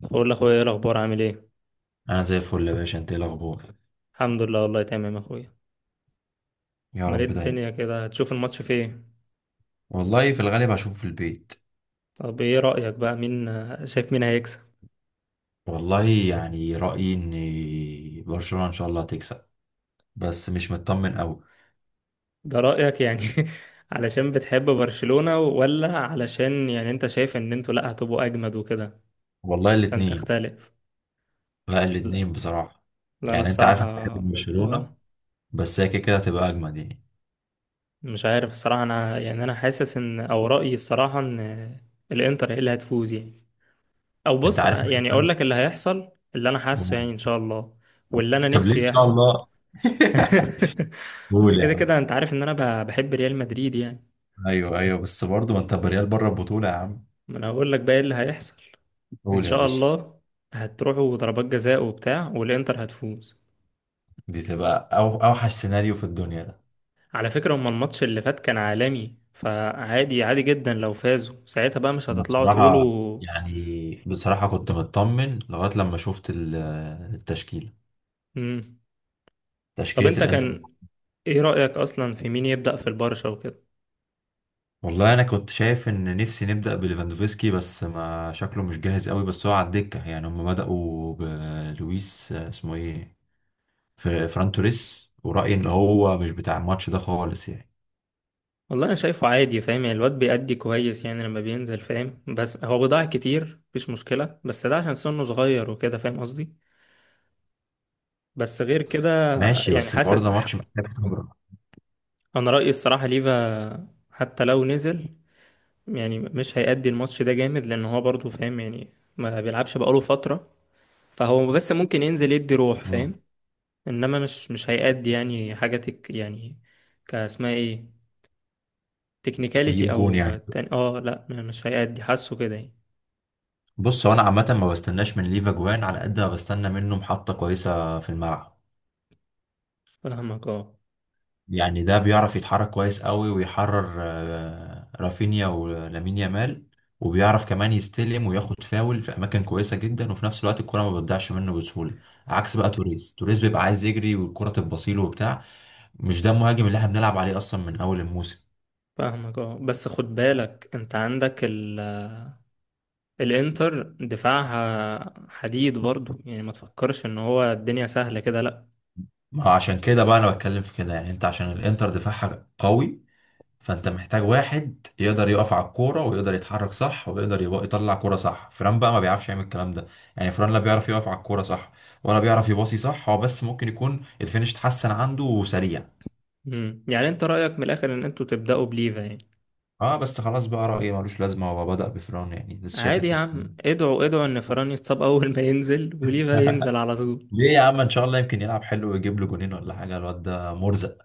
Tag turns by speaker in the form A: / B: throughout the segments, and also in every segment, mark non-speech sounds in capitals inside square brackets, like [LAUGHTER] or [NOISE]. A: بقول لاخويا ايه الاخبار، عامل ايه؟
B: انا زي الفل يا باشا، انت ايه الاخبار؟
A: الحمد لله، والله تمام يا اخويا.
B: يا
A: امال ايه
B: رب دايما.
A: الدنيا كده؟ هتشوف الماتش فين؟
B: والله في الغالب هشوف في البيت.
A: طب ايه رايك بقى، مين شايف مين هيكسب؟
B: والله يعني رايي ان برشلونه ان شاء الله هتكسب، بس مش مطمن قوي.
A: ده رايك يعني؟ [LAUGHS] علشان بتحب برشلونة ولا علشان يعني انت شايف ان انتوا لا هتبقوا اجمد وكده؟
B: والله
A: عشان
B: الاتنين.
A: تختلف.
B: لا
A: لا،
B: الاتنين بصراحه.
A: لا انا
B: يعني انت عارف
A: الصراحه.
B: انا بحب برشلونه.
A: اه.
B: بس هي كده كده هتبقى اجمد يعني.
A: مش عارف الصراحه، انا يعني انا حاسس ان او رايي الصراحه ان الانتر هي اللي هتفوز يعني. او
B: انت
A: بص،
B: عارف.
A: يعني
B: أنا-
A: اقول لك اللي هيحصل. اللي انا حاسه يعني ان شاء الله، واللي انا
B: طب ليه ان
A: نفسي
B: شاء
A: يحصل.
B: الله؟ [LAUGHS]
A: [LAUGHS] أنا
B: قول يا
A: كده
B: عم.
A: كده انت عارف ان انا بحب ريال مدريد يعني.
B: ايوه ايوه بس برضه ما انت بريال بره البطوله يا عم.
A: ما انا هقول لك بقى ايه اللي هيحصل. ان
B: قول يا
A: شاء
B: باشا.
A: الله هتروحوا ضربات جزاء وبتاع والانتر هتفوز.
B: دي تبقى أو اوحش سيناريو في الدنيا.
A: على فكرة، هما الماتش اللي فات كان عالمي، فعادي عادي جدا لو فازوا ساعتها، بقى مش
B: أنا
A: هتطلعوا
B: بصراحة،
A: تقولوا.
B: يعني بصراحة كنت مطمن لغاية لما شفت التشكيلة،
A: مم. طب
B: تشكيلة
A: انت
B: الانتر.
A: كان ايه رأيك اصلا في مين يبدأ في البرشا وكده؟
B: والله أنا كنت شايف إن نفسي نبدأ بليفاندوفسكي، بس ما شكله مش جاهز قوي، بس هو على الدكة، يعني هم بدأوا بلويس اسمه إيه، فران توريس، ورأيي إن هو مش بتاع الماتش ده خالص يعني.
A: والله انا شايفه عادي، فاهم يعني؟ الواد بيأدي كويس يعني لما بينزل، فاهم؟ بس هو بيضيع كتير، مفيش مشكلة، بس ده عشان سنه صغير وكده، فاهم قصدي. بس غير كده.
B: ماشي
A: يعني
B: بس برضه
A: حاسس
B: ده ماتش محتاج خبرة.
A: انا رأيي الصراحة ليفا حتى لو نزل، يعني مش هيأدي الماتش ده جامد، لان هو برضه فاهم يعني ما بيلعبش بقاله فترة. فهو بس ممكن ينزل يدي روح،
B: مم.
A: فاهم. انما مش هيأدي يعني حاجة تك يعني. كاسمها ايه؟
B: يجيب
A: تكنيكاليتي
B: جون
A: او
B: يعني.
A: تاني. اه لا مش هيأدي، حاسه كده يعني.
B: بص هو أنا عامة ما بستناش من ليفا جوان على قد ما بستنى منه محطة كويسة في الملعب.
A: فاهمك اه.
B: يعني ده بيعرف يتحرك كويس قوي ويحرر رافينيا ولامين يامال. وبيعرف كمان يستلم وياخد فاول في اماكن كويسه جدا، وفي نفس الوقت الكره ما بتضيعش منه بسهوله. عكس بقى توريس، توريس بيبقى عايز يجري والكره تبصيله وبتاع. مش ده المهاجم اللي احنا بنلعب عليه اصلا من اول الموسم.
A: فاهمك اه. بس خد بالك انت عندك الانتر دفاعها حديد برضو، يعني ما تفكرش ان هو الدنيا سهلة كده، لا.
B: ما هو عشان كده بقى انا بتكلم في كده، يعني انت عشان الانتر دفاعها قوي، فانت محتاج واحد يقدر يقف على الكوره ويقدر يتحرك صح ويقدر يبقى يطلع كوره صح، فران بقى ما بيعرفش يعمل الكلام ده. يعني فران لا بيعرف يقف على الكوره صح، ولا بيعرف يباصي صح، هو بس ممكن يكون الفينش اتحسن عنده وسريع.
A: مم. يعني انت رأيك من الاخر ان انتوا تبدأوا بليفا يعني؟
B: اه بس خلاص بقى رأيي ملوش لازمه، هو بدأ بفران يعني لسه شايف
A: عادي يا
B: التشكيل.
A: عم، ادعوا ادعوا ان فران يتصاب اول ما ينزل وليفا ينزل على
B: [LAUGHS]
A: طول.
B: ليه يا عم، ان شاء الله يمكن يلعب حلو ويجيب له جونين ولا حاجه، الواد ده مرزق.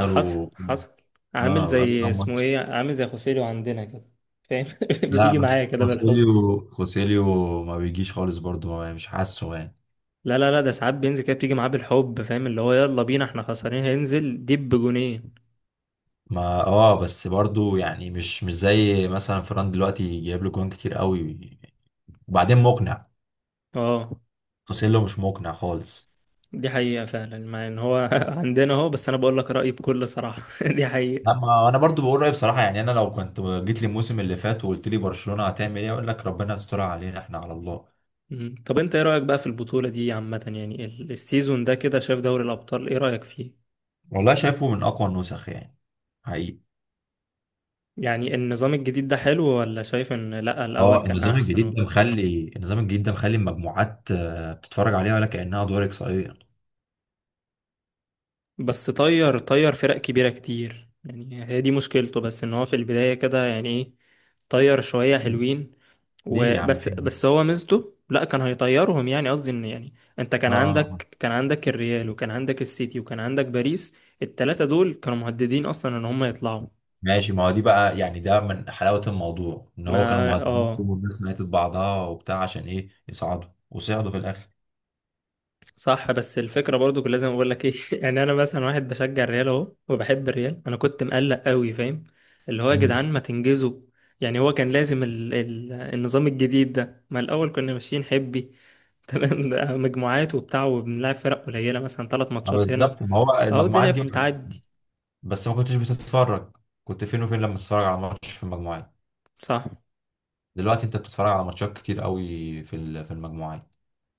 A: حصل حصل. عامل
B: اه بقاله
A: زي
B: كام
A: اسمه
B: ماتش.
A: ايه، عامل زي خوسيلو عندنا كده، فاهم. [LAUGHS]
B: لا
A: بتيجي معايا
B: بس
A: كده بالحب.
B: خوسيليو ما بيجيش خالص برضه، مش حاسه يعني.
A: لا لا لا، ده ساعات بينزل كده بتيجي معاه بالحب، فاهم اللي هو يلا بينا احنا خسرانين هينزل دب جونين.
B: ما بس برضو يعني، مش زي مثلا فران دلوقتي جايب له جوان كتير قوي، وبعدين مقنع.
A: اه.
B: خوسيلو مش مقنع خالص.
A: دي حقيقة فعلا، مع ان هو [LAUGHS] عندنا اهو، بس انا بقول لك رأيي بكل صراحة. [LAUGHS] دي حقيقة.
B: اما انا برضو بقول رايي بصراحه، يعني انا لو كنت جيت لي الموسم اللي فات وقلت لي برشلونه هتعمل ايه، اقول لك ربنا يسترها علينا احنا على الله.
A: مم. طب انت ايه رأيك بقى في البطولة دي عامة، يعني السيزون ده كده، شايف دوري الابطال ايه رأيك فيه؟
B: والله شايفه من اقوى النسخ يعني، حقيقي.
A: يعني النظام الجديد ده حلو، ولا شايف ان لا الاول
B: اه،
A: كان احسن وبتاع؟
B: النظام الجديد ده مخلي المجموعات بتتفرج عليها ولا كانها دور اقصائيه.
A: بس طير طير فرق كبيرة كتير يعني، هي دي مشكلته بس، ان هو في البداية كده يعني ايه، طير شوية حلوين
B: ليه يا عم
A: وبس.
B: فين ده؟
A: بس هو ميزته، لا كان هيطيرهم يعني، قصدي ان يعني انت كان
B: اه. آه.
A: عندك كان عندك الريال وكان عندك السيتي وكان عندك باريس، التلاتة دول كانوا مهددين اصلا ان هم يطلعوا.
B: ماشي ما هو دي بقى يعني، ده من حلاوة الموضوع ان هو كانوا
A: ما
B: مهددين
A: اه.
B: والناس ماتت بعضها وبتاع عشان ايه يصعدوا، وصعدوا في الاخر.
A: صح، بس الفكرة برضو كنت لازم اقول لك ايه. [LAUGHS] يعني انا مثلا واحد بشجع الريال اهو، وبحب الريال، انا كنت مقلق قوي، فاهم. اللي هو يا
B: امم.
A: جدعان ما تنجزوا. يعني هو كان لازم النظام الجديد ده. ما الاول كنا ماشيين حبي. [LAUGHS] تمام، ده مجموعات وبتاع وبنلعب فرق قليلة، مثلا ثلاث
B: ما
A: ماتشات هنا.
B: بالظبط، ما هو
A: اهو
B: المجموعات
A: الدنيا
B: دي.
A: بتعدي.
B: بس ما كنتش بتتفرج، كنت فين وفين لما بتتفرج على ماتش في المجموعات؟
A: صح.
B: دلوقتي انت بتتفرج على ماتشات كتير قوي في في المجموعات.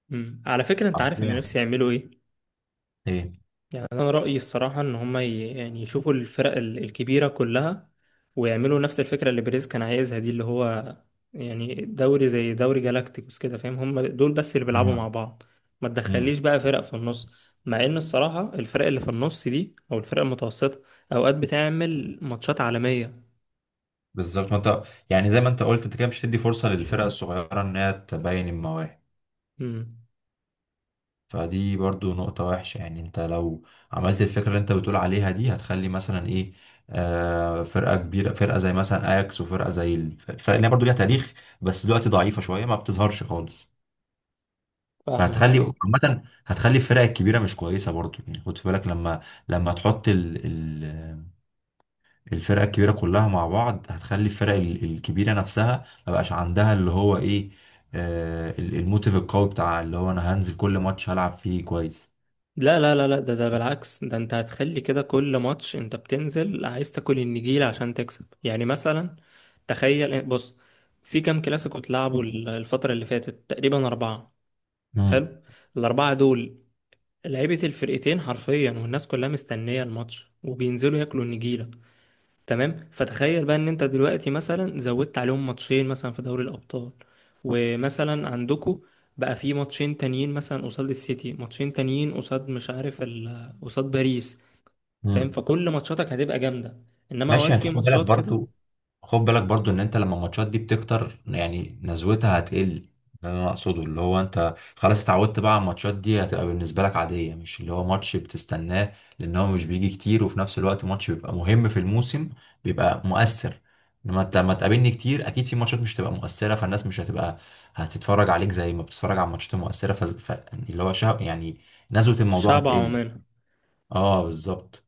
A: مم. على فكرة انت عارف انا
B: عارفين
A: نفسي يعملوا ايه؟
B: ايه.
A: يعني انا رأيي الصراحة ان هما يعني يشوفوا الفرق الكبيرة كلها، ويعملوا نفس الفكرة اللي بيريز كان عايزها دي، اللي هو يعني دوري زي دوري جالاكتيكوس كده، فاهم. هما دول بس اللي بيلعبوا
B: أها.
A: مع بعض. ما
B: امم.
A: تدخليش بقى فرق في النص. مع ان الصراحة الفرق اللي في النص دي، او الفرق المتوسطة، اوقات بتعمل ماتشات عالمية.
B: بالظبط ما انت، يعني زي ما انت قلت، انت كده مش هتدي فرصة للفرق الصغيرة انها تبين المواهب.
A: مم.
B: فدي برضو نقطة وحشة، يعني انت لو عملت الفكرة اللي انت بتقول عليها دي، هتخلي مثلا ايه، فرقة كبيرة فرقة زي مثلا اياكس، وفرقة زي الفرق اللي هي برضو ليها تاريخ، بس دلوقتي ضعيفة شوية ما بتظهرش خالص.
A: فاهمك
B: فهتخلي
A: اه.
B: عامة، هتخلي الفرق الكبيرة مش كويسة برضو، يعني خد في بالك لما تحط ال ال الفرقة الكبيرة كلها مع بعض، هتخلي الفرق الكبيرة نفسها ما بقاش عندها اللي هو ايه، الموتيف القوي بتاع، اللي هو انا هنزل كل ماتش هلعب فيه كويس.
A: لا لا لا لا، ده بالعكس، ده انت هتخلي كده كل ماتش انت بتنزل عايز تاكل النجيلة عشان تكسب يعني. مثلا تخيل، بص، في كام كلاسيكو اتلعبوا الفترة اللي فاتت؟ تقريبا أربعة.
B: مم.
A: حلو. الأربعة دول لعيبة الفرقتين حرفيا، والناس كلها مستنية الماتش وبينزلوا ياكلوا النجيلة، تمام. فتخيل بقى ان انت دلوقتي مثلا زودت عليهم ماتشين مثلا في دوري الابطال، ومثلا عندكو بقى في ماتشين تانيين مثلا قصاد السيتي، ماتشين تانيين قصاد مش عارف قصاد باريس، فاهم.
B: مم.
A: فكل ماتشاتك هتبقى جامده، انما
B: ماشي،
A: اوقات
B: انت
A: في
B: خد بالك
A: ماتشات كده.
B: برضو، خد بالك برضو ان انت لما الماتشات دي بتكتر يعني نزوتها هتقل. ده اللي انا اقصده، اللي هو انت خلاص اتعودت بقى على الماتشات دي هتبقى بالنسبه لك عاديه، مش اللي هو ماتش بتستناه لان هو مش بيجي كتير، وفي نفس الوقت ماتش بيبقى مهم في الموسم بيبقى مؤثر. لما انت ما تقابلني كتير، اكيد في ماتشات مش هتبقى مؤثره، فالناس مش هتبقى هتتفرج عليك زي ما بتتفرج على الماتشات المؤثره، يعني اللي هو شهق يعني، نزوه الموضوع
A: الشعب
B: هتقل.
A: عومان.
B: اه بالظبط.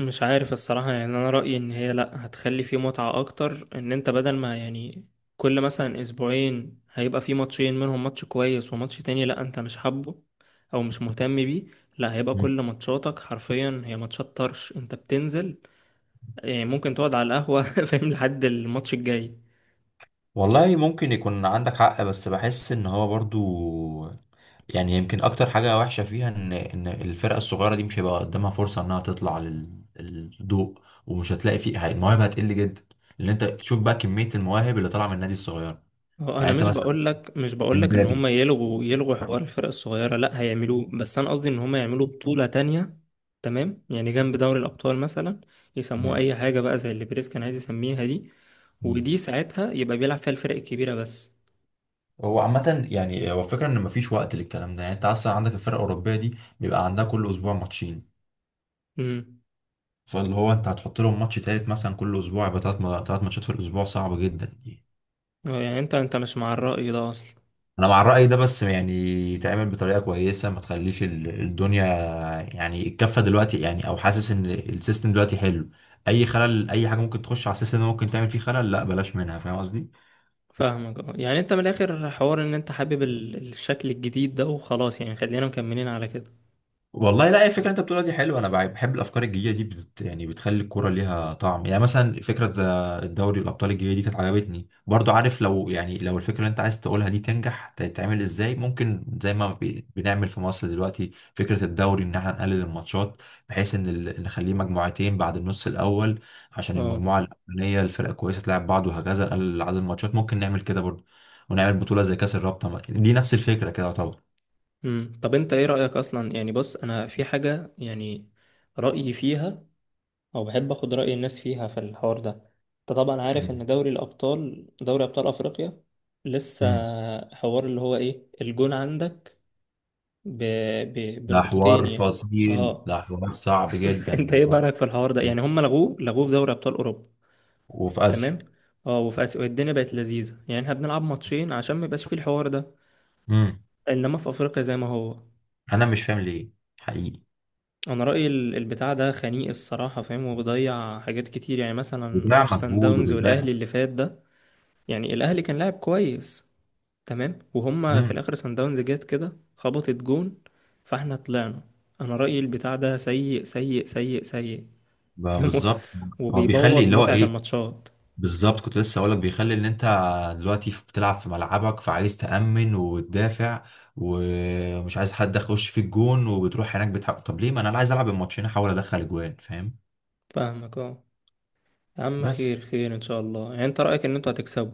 A: مش عارف الصراحة يعني، أنا رأيي إن هي لأ، هتخلي فيه متعة أكتر. إن أنت بدل ما يعني كل مثلا أسبوعين هيبقى فيه ماتشين، منهم ماتش كويس وماتش تاني لأ أنت مش حابه أو مش مهتم بيه. لأ، هيبقى كل ماتشاتك حرفيا هي ماتشات طرش أنت بتنزل يعني، ممكن تقعد على القهوة [LAUGHS] فاهم، لحد الماتش الجاي.
B: والله ممكن يكون عندك حق، بس بحس ان هو برضو يعني، يمكن اكتر حاجة وحشة فيها ان الفرقة الصغيرة دي مش هيبقى قدامها فرصة انها تطلع للضوء، ومش هتلاقي فيه، المواهب هتقل جدا لان انت تشوف بقى كمية المواهب اللي طالعة من النادي الصغير.
A: هو
B: يعني
A: انا
B: انت
A: مش
B: مثلا،
A: بقول لك مش بقول لك ان
B: امبابي.
A: هم يلغوا يلغوا حوار الفرق الصغيره، لا هيعملوه، بس انا قصدي ان هم يعملوا بطوله تانية. تمام، يعني جنب دوري الابطال مثلا، يسموها
B: مم.
A: اي حاجه بقى زي اللي بريس كان عايز يسميها دي.
B: مم.
A: ودي ساعتها يبقى بيلعب فيها الفرق الكبيره بس.
B: هو عامة يعني، هو الفكرة ان مفيش وقت للكلام ده، يعني انت اصلا عندك الفرقة الاوروبية دي بيبقى عندها كل اسبوع ماتشين،
A: امم.
B: فاللي هو انت هتحط لهم ماتش تالت مثلا كل اسبوع، يبقى تلات ماتشات في الاسبوع، صعب جدا.
A: آه، يعني انت مش مع الراي ده اصلا.
B: انا مع الرأي ده، بس يعني يتعمل بطريقة كويسة، ما تخليش الدنيا يعني الكفة دلوقتي، يعني او حاسس ان السيستم دلوقتي حلو، اي خلل اي حاجة ممكن تخش على السيستم ده ممكن تعمل فيه خلل، لا بلاش منها، فاهم قصدي.
A: فاهمك اه. يعني انت من الاخر حوار ان انت حابب الشكل الجديد ده وخلاص يعني، خلينا مكملين على كده.
B: والله لا، الفكره اللي انت بتقولها دي حلوه، انا بحب الافكار الجديده دي، يعني بتخلي الكوره ليها طعم يعني، مثلا فكره الدوري الابطال الجديده دي كانت عجبتني برضو، عارف لو يعني لو الفكره اللي انت عايز تقولها دي تنجح تتعمل ازاي ممكن زي ما بنعمل في مصر دلوقتي فكره الدوري، ان احنا نقلل الماتشات بحيث ان نخليه مجموعتين بعد النص الاول، عشان
A: اه.
B: المجموعه الاولانيه الفرقه كويسه تلعب بعض، وهكذا نقلل عدد الماتشات ممكن نعمل كده برضو، ونعمل بطوله زي كاس الرابطه دي نفس الفكره كده.
A: امم. طب انت ايه رايك اصلا، يعني بص انا في حاجه يعني رأيي فيها، او بحب اخد رأي الناس فيها في الحوار ده. انت طبعا عارف ان دوري الابطال، دوري ابطال افريقيا لسه
B: طبعا.
A: حوار اللي هو ايه، الجون عندك ب...
B: ده حوار
A: بنقطتين يعني.
B: فصيل،
A: اه.
B: ده حوار صعب جدا
A: [LAUGHS] انت ايه
B: والله.
A: بقى في الحوار ده يعني؟ هم لغوه لغوه في دوري ابطال اوروبا.
B: وفي آسيا.
A: تمام. اه وفي اسيا الدنيا بقت لذيذة يعني، احنا بنلعب ماتشين عشان ما يبقاش فيه الحوار ده.
B: امم.
A: انما في افريقيا زي ما هو.
B: أنا مش فاهم ليه، حقيقي.
A: انا رأيي البتاع ده خنيق الصراحة، فاهم. وبيضيع حاجات كتير، يعني مثلا ماتش
B: بيضيع
A: سان
B: مجهود
A: داونز والاهلي
B: وبيضيع.
A: اللي فات ده، يعني الاهلي كان لاعب كويس، تمام. وهما في
B: امم.
A: الاخر سان داونز جت كده خبطت جون، فاحنا طلعنا. انا رايي البتاع ده سيء سيء سيء سيء. [LAUGHS]
B: بقى
A: فاهم.
B: بالظبط. هو بيخلي
A: وبيبوظ
B: اللي هو
A: متعه
B: إيه،
A: الماتشات.
B: بالظبط كنت لسه أقولك، بيخلي إن أنت دلوقتي بتلعب في ملعبك، فعايز تأمن وتدافع ومش عايز حد يخش في الجون، وبتروح هناك بتحقق، طب ليه ما أنا عايز ألعب الماتشين أحاول أدخل أجوان فاهم.
A: فاهمك اه. يا عم
B: بس.
A: خير خير ان شاء الله، يعني انت رايك ان انتوا هتكسبوا.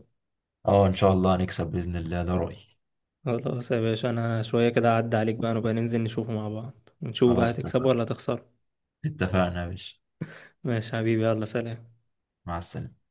B: اه إن شاء الله هنكسب بإذن الله، ده رأيي.
A: خلاص يا باشا، انا شويه كده اعدي عليك بقى، نبقى ننزل نشوفه مع بعض ونشوف بقى
B: خلاص
A: هتكسبوا
B: اتفقنا،
A: ولا هتخسروا.
B: اتفقنا يا باشا.
A: ماشي يا حبيبي، يلا سلام.
B: مع السلامة.